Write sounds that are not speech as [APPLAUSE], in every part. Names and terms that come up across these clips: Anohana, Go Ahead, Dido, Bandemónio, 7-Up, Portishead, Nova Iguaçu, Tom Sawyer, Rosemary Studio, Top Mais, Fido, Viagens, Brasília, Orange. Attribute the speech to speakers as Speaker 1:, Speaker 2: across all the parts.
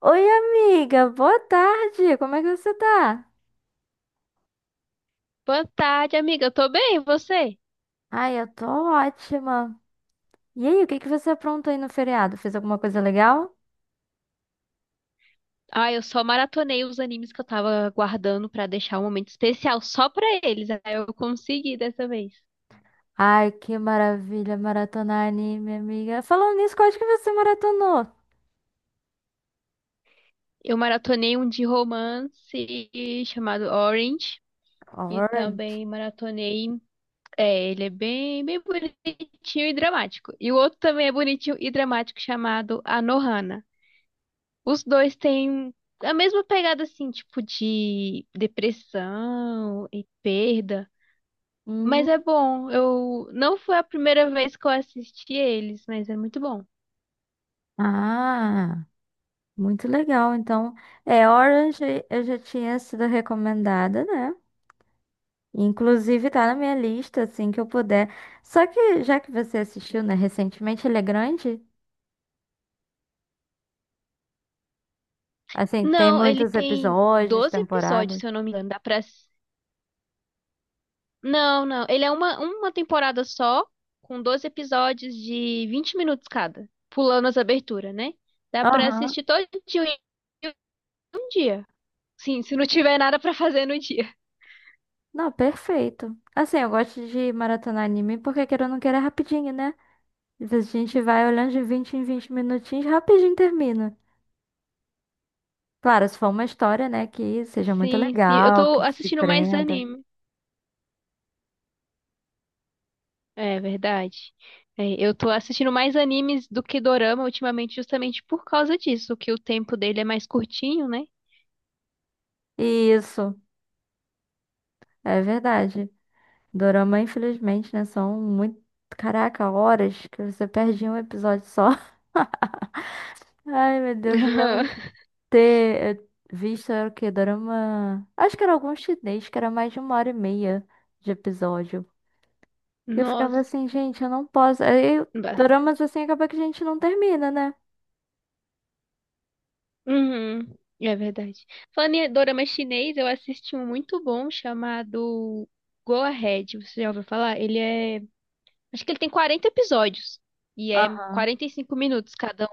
Speaker 1: Oi, amiga, boa tarde. Como é que você tá?
Speaker 2: Boa tarde, amiga. Eu tô bem, e você?
Speaker 1: Ai, eu tô ótima. E aí, o que que você aprontou aí no feriado? Fez alguma coisa legal?
Speaker 2: Ah, eu só maratonei os animes que eu tava guardando pra deixar um momento especial só pra eles. Aí eu consegui dessa vez.
Speaker 1: Ai, que maravilha, maratonar anime, amiga. Falando nisso, qual é que você maratonou?
Speaker 2: Eu maratonei um de romance chamado Orange e
Speaker 1: Orange.
Speaker 2: também maratonei. É, ele é bem, bem bonitinho e dramático. E o outro também é bonitinho e dramático chamado Anohana. Os dois têm a mesma pegada, assim, tipo de depressão e perda.
Speaker 1: Hum.
Speaker 2: Mas é bom. Eu não foi a primeira vez que eu assisti eles, mas é muito bom.
Speaker 1: Ah, muito legal. Então, é, Orange eu já tinha sido recomendada, né? Inclusive tá na minha lista, assim que eu puder. Só que já que você assistiu, né, recentemente, ele é grande. Assim, tem
Speaker 2: Não, ele
Speaker 1: muitos
Speaker 2: tem
Speaker 1: episódios,
Speaker 2: 12 episódios,
Speaker 1: temporadas.
Speaker 2: se eu não me engano. Dá pra. Não, não. Ele é uma temporada só, com 12 episódios de 20 minutos cada, pulando as aberturas, né? Dá pra
Speaker 1: Aham.
Speaker 2: assistir todo dia em um dia. Sim, se não tiver nada pra fazer no dia.
Speaker 1: Não, perfeito. Assim, eu gosto de maratonar anime porque querendo ou não queira é rapidinho, né? Às vezes a gente vai olhando de 20 em 20 minutinhos, rapidinho termina. Claro, se for uma história, né, que seja muito
Speaker 2: Sim, sim. Eu
Speaker 1: legal,
Speaker 2: tô
Speaker 1: que te
Speaker 2: assistindo mais
Speaker 1: prenda.
Speaker 2: anime. É verdade. É, eu tô assistindo mais animes do que dorama ultimamente, justamente por causa disso, que o tempo dele é mais curtinho, né?
Speaker 1: Isso, é verdade. Dorama, infelizmente, né, são muito... Caraca, horas que você perde em um episódio só. [LAUGHS] Ai, meu Deus, eu lembro
Speaker 2: [LAUGHS]
Speaker 1: ter visto era o quê? Dorama. Acho que era algum chinês, que era mais de uma hora e meia de episódio. E eu ficava
Speaker 2: Nossa.
Speaker 1: assim, gente, eu não posso. Aí,
Speaker 2: Ba-
Speaker 1: doramas assim acaba que a gente não termina, né?
Speaker 2: Uhum, é verdade. Falando em dorama chinês, eu assisti um muito bom chamado Go Ahead. Você já ouviu falar? Ele é. Acho que ele tem 40 episódios. E é
Speaker 1: Aham.
Speaker 2: 45 minutos cada.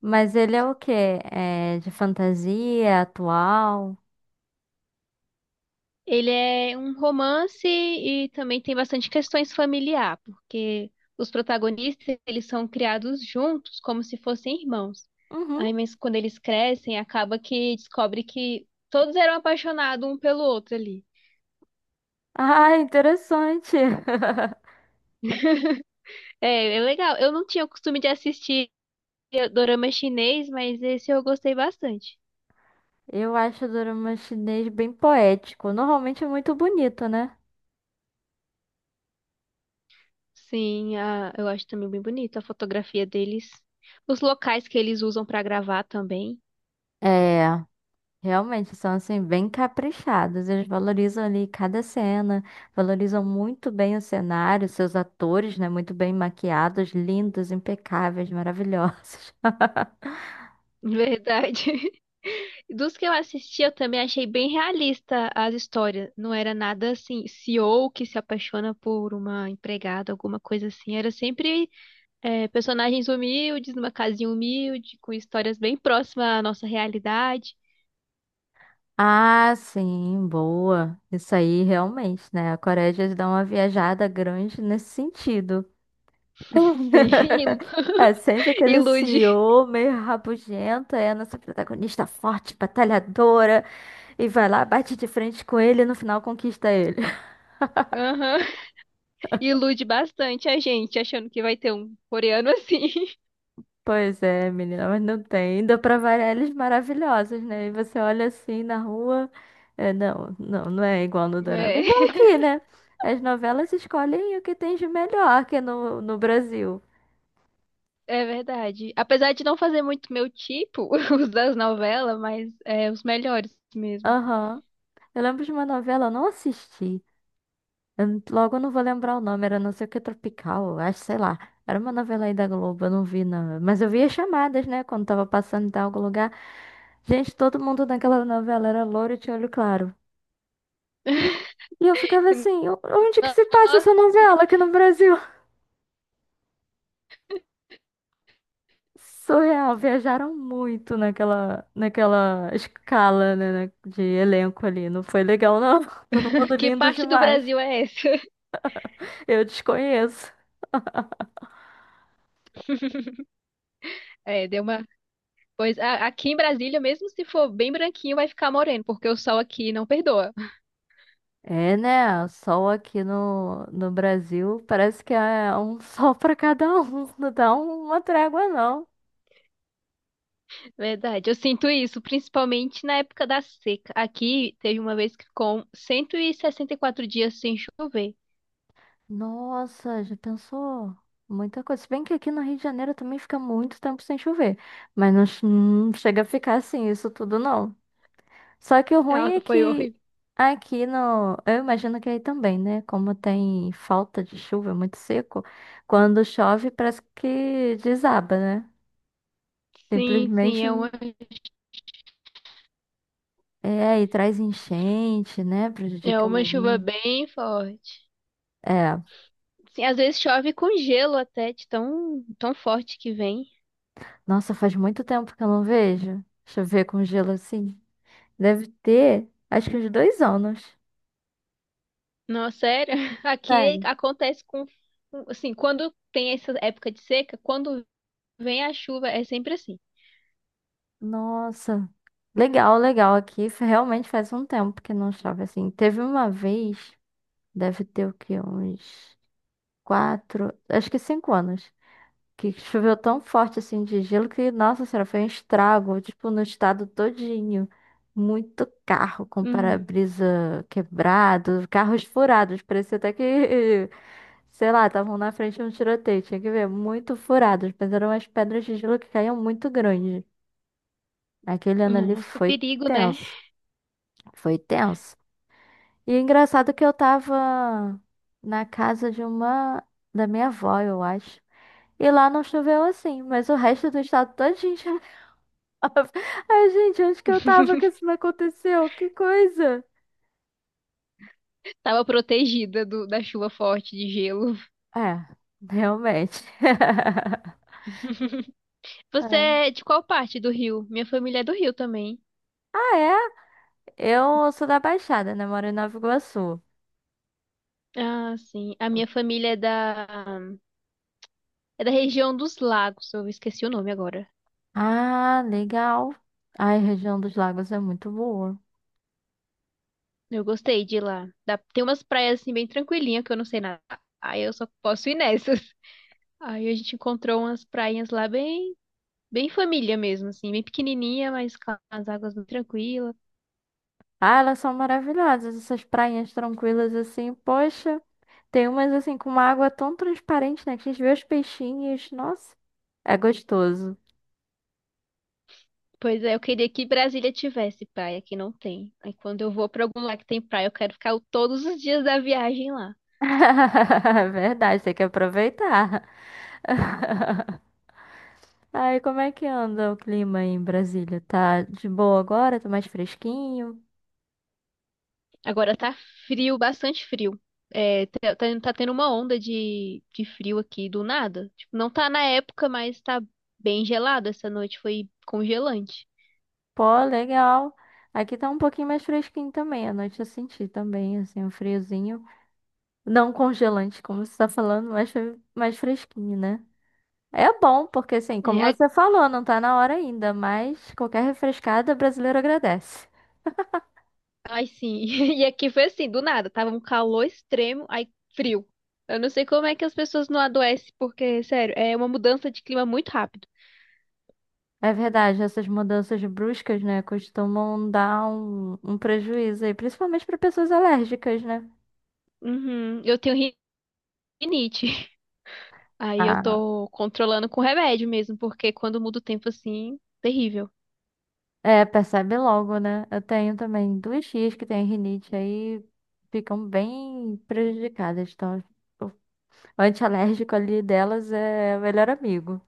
Speaker 1: Mas ele é o quê? É de fantasia, atual?
Speaker 2: Ele é um romance e também tem bastante questões familiar, porque os protagonistas, eles são criados juntos, como se fossem irmãos.
Speaker 1: Uhum.
Speaker 2: Aí, mas quando eles crescem, acaba que descobre que todos eram apaixonados um pelo outro ali.
Speaker 1: Ah, interessante. [LAUGHS]
Speaker 2: É, é legal. Eu não tinha o costume de assistir dorama chinês, mas esse eu gostei bastante.
Speaker 1: Eu acho o dorama chinês bem poético. Normalmente é muito bonito, né?
Speaker 2: Sim, eu acho também bem bonito a fotografia deles. Os locais que eles usam para gravar também.
Speaker 1: É. Realmente são assim bem caprichados. Eles valorizam ali cada cena, valorizam muito bem o cenário, seus atores, né, muito bem maquiados, lindos, impecáveis, maravilhosos. [LAUGHS]
Speaker 2: Verdade. [LAUGHS] Dos que eu assisti, eu também achei bem realista as histórias. Não era nada assim, CEO que se apaixona por uma empregada, alguma coisa assim. Era sempre é, personagens humildes, numa casinha humilde, com histórias bem próximas à nossa realidade.
Speaker 1: Ah, sim, boa. Isso aí realmente, né? A Coreia já dá uma viajada grande nesse sentido.
Speaker 2: [LAUGHS] Sim, [LAUGHS]
Speaker 1: [LAUGHS]
Speaker 2: ilu-
Speaker 1: É sempre aquele
Speaker 2: ilude.
Speaker 1: CEO meio rabugento, é a nossa protagonista forte, batalhadora, e vai lá, bate de frente com ele e no final conquista ele.
Speaker 2: Aham. Ilude bastante a gente, achando que vai ter um coreano assim.
Speaker 1: Pois é, menina, mas não tem. Ainda pra variar, eles maravilhosos, né? E você olha assim na rua. É, não, não, não é igual no
Speaker 2: [LAUGHS]
Speaker 1: dorama. É
Speaker 2: É.
Speaker 1: igual aqui, né? As novelas escolhem o que tem de melhor que no Brasil.
Speaker 2: É verdade. Apesar de não fazer muito meu tipo, [LAUGHS] os das novelas, mas é os melhores mesmo.
Speaker 1: Aham. Eu lembro de uma novela, eu não assisti. Logo eu não vou lembrar o nome, era não sei o que Tropical, eu acho, sei lá. Era uma novela aí da Globo, eu não vi, não. Mas eu via chamadas, né? Quando tava passando em algum lugar. Gente, todo mundo naquela novela era loiro e tinha olho claro. E eu ficava assim,
Speaker 2: [LAUGHS]
Speaker 1: Onde que se passa essa
Speaker 2: Nossa,
Speaker 1: novela aqui no Brasil? Surreal, viajaram muito naquela escala, né, de elenco ali. Não foi legal, não. [LAUGHS] Todo mundo
Speaker 2: que
Speaker 1: lindo
Speaker 2: parte do
Speaker 1: demais.
Speaker 2: Brasil é essa? [LAUGHS]
Speaker 1: Eu desconheço.
Speaker 2: É, deu uma. Pois aqui em Brasília, mesmo se for bem branquinho, vai ficar moreno, porque o sol aqui não perdoa.
Speaker 1: É, né? Sol aqui no Brasil parece que é um [LAUGHS] sol pra cada um. Não dá uma trégua, não.
Speaker 2: Verdade, eu sinto isso, principalmente na época da seca. Aqui teve uma vez que ficou 164 dias sem chover.
Speaker 1: Nossa, já pensou? Muita coisa. Se bem que aqui no Rio de Janeiro também fica muito tempo sem chover. Mas não, não chega a ficar assim, isso tudo não. Só que o ruim
Speaker 2: Ah,
Speaker 1: é
Speaker 2: foi
Speaker 1: que
Speaker 2: horrível.
Speaker 1: aqui no. Eu imagino que aí também, né? Como tem falta de chuva, é muito seco. Quando chove, parece que desaba, né?
Speaker 2: Sim, sim,
Speaker 1: Simplesmente. É, e traz enchente, né?
Speaker 2: é
Speaker 1: Prejudica o
Speaker 2: uma chuva
Speaker 1: mundo.
Speaker 2: bem forte.
Speaker 1: É.
Speaker 2: Sim, às vezes chove com gelo até, de tão, tão forte que vem.
Speaker 1: Nossa, faz muito tempo que eu não vejo chover com gelo assim. Deve ter, acho que uns dois anos.
Speaker 2: Não, sério. [LAUGHS] Aqui
Speaker 1: Sério.
Speaker 2: acontece com, assim, quando tem essa época de seca, quando vem a chuva, é sempre assim.
Speaker 1: Nossa, legal, legal. Aqui realmente faz um tempo que não chove assim. Teve uma vez, deve ter o quê? Uns quatro, acho que cinco anos, que choveu tão forte assim de gelo que, nossa senhora, foi um estrago, tipo, no estado todinho. Muito carro com
Speaker 2: Uhum.
Speaker 1: para-brisa quebrado, carros furados, parecia até que [LAUGHS] sei lá, estavam na frente de um tiroteio, tinha que ver, muito furados, mas eram umas pedras de gelo que caíam muito grande. Aquele ano ali
Speaker 2: Nossa,
Speaker 1: foi
Speaker 2: perigo, né?
Speaker 1: tenso, foi tenso. E é engraçado que eu tava na casa de uma, da minha avó, eu acho. E lá não choveu assim, mas o resto do estado todinho choveu. [LAUGHS] Ai, gente, onde que eu tava que
Speaker 2: [LAUGHS]
Speaker 1: isso não aconteceu? Que coisa!
Speaker 2: Tava protegida do, da chuva forte de gelo.
Speaker 1: É, realmente. [LAUGHS]
Speaker 2: [LAUGHS] Você
Speaker 1: Ai.
Speaker 2: é de qual parte do Rio? Minha família é do Rio também.
Speaker 1: Ah, é? Eu sou da Baixada, né? Moro em Nova Iguaçu.
Speaker 2: Ah, sim. A minha família é é da região dos Lagos. Eu esqueci o nome agora.
Speaker 1: Ah, legal. Ai, a região dos Lagos é muito boa.
Speaker 2: Eu gostei de ir lá. Tem umas praias assim bem tranquilinha que eu não sei nada. Aí eu só posso ir nessas. [LAUGHS] Aí a gente encontrou umas prainhas lá bem, bem família mesmo, assim, bem pequenininha, mas com as águas bem tranquilas.
Speaker 1: Ah, elas são maravilhosas, essas prainhas tranquilas assim. Poxa, tem umas assim com uma água tão transparente, né? Que a gente vê os peixinhos. Nossa, é gostoso.
Speaker 2: Pois é, eu queria que Brasília tivesse praia, que não tem. Aí quando eu vou pra algum lugar que tem praia, eu quero ficar todos os dias da viagem lá.
Speaker 1: [LAUGHS] É verdade, tem que aproveitar. [LAUGHS] Ai, como é que anda o clima aí em Brasília? Tá de boa agora? Tá mais fresquinho?
Speaker 2: Agora tá frio, bastante frio. É, tá, tá tendo uma onda de frio aqui do nada. Tipo, não tá na época, mas tá bem gelado. Essa noite foi congelante.
Speaker 1: Pô, legal. Aqui tá um pouquinho mais fresquinho também. À noite eu senti também, assim, um friozinho. Não congelante, como você está falando, mas mais fresquinho, né? É bom, porque assim,
Speaker 2: É,
Speaker 1: como você falou, não tá na hora ainda, mas qualquer refrescada brasileiro agradece.
Speaker 2: ai, sim. [LAUGHS] E aqui foi assim, do nada. Tava um calor extremo, aí frio. Eu não sei como é que as pessoas não adoecem, porque, sério, é uma mudança de clima muito rápido.
Speaker 1: É verdade, essas mudanças bruscas, né, costumam dar um prejuízo aí, principalmente para pessoas alérgicas, né?
Speaker 2: Uhum, eu tenho rinite. [LAUGHS] Aí eu
Speaker 1: Ah,
Speaker 2: tô controlando com remédio mesmo, porque quando muda o tempo assim, terrível.
Speaker 1: é, percebe logo, né? Eu tenho também duas tias que têm rinite aí, ficam bem prejudicadas. Então, o antialérgico ali delas é o melhor amigo.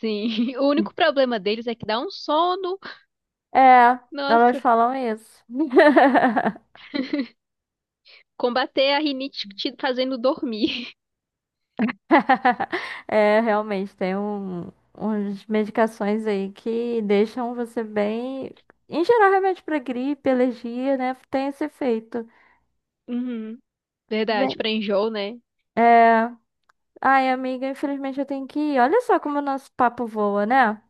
Speaker 2: Sim, [LAUGHS] o único problema deles é que dá um sono.
Speaker 1: É, elas
Speaker 2: Nossa,
Speaker 1: falam isso. [LAUGHS]
Speaker 2: combater a rinite te fazendo dormir. [LAUGHS]
Speaker 1: [LAUGHS] É, realmente, tem um, umas medicações aí que deixam você bem. Em geral, realmente para gripe, alergia, né? Tem esse efeito.
Speaker 2: Uhum, verdade,
Speaker 1: Bem...
Speaker 2: pra enjoo, né?
Speaker 1: É. Ai, amiga, infelizmente eu tenho que ir. Olha só como o nosso papo voa, né?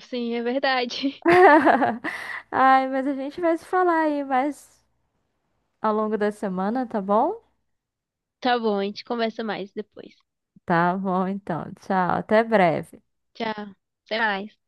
Speaker 2: Sim, é verdade. [LAUGHS]
Speaker 1: [LAUGHS] Ai, mas a gente vai se falar aí mais ao longo da semana, tá bom?
Speaker 2: Tá bom, a gente conversa mais depois.
Speaker 1: Tá bom, então. Tchau, até breve.
Speaker 2: Tchau, até mais.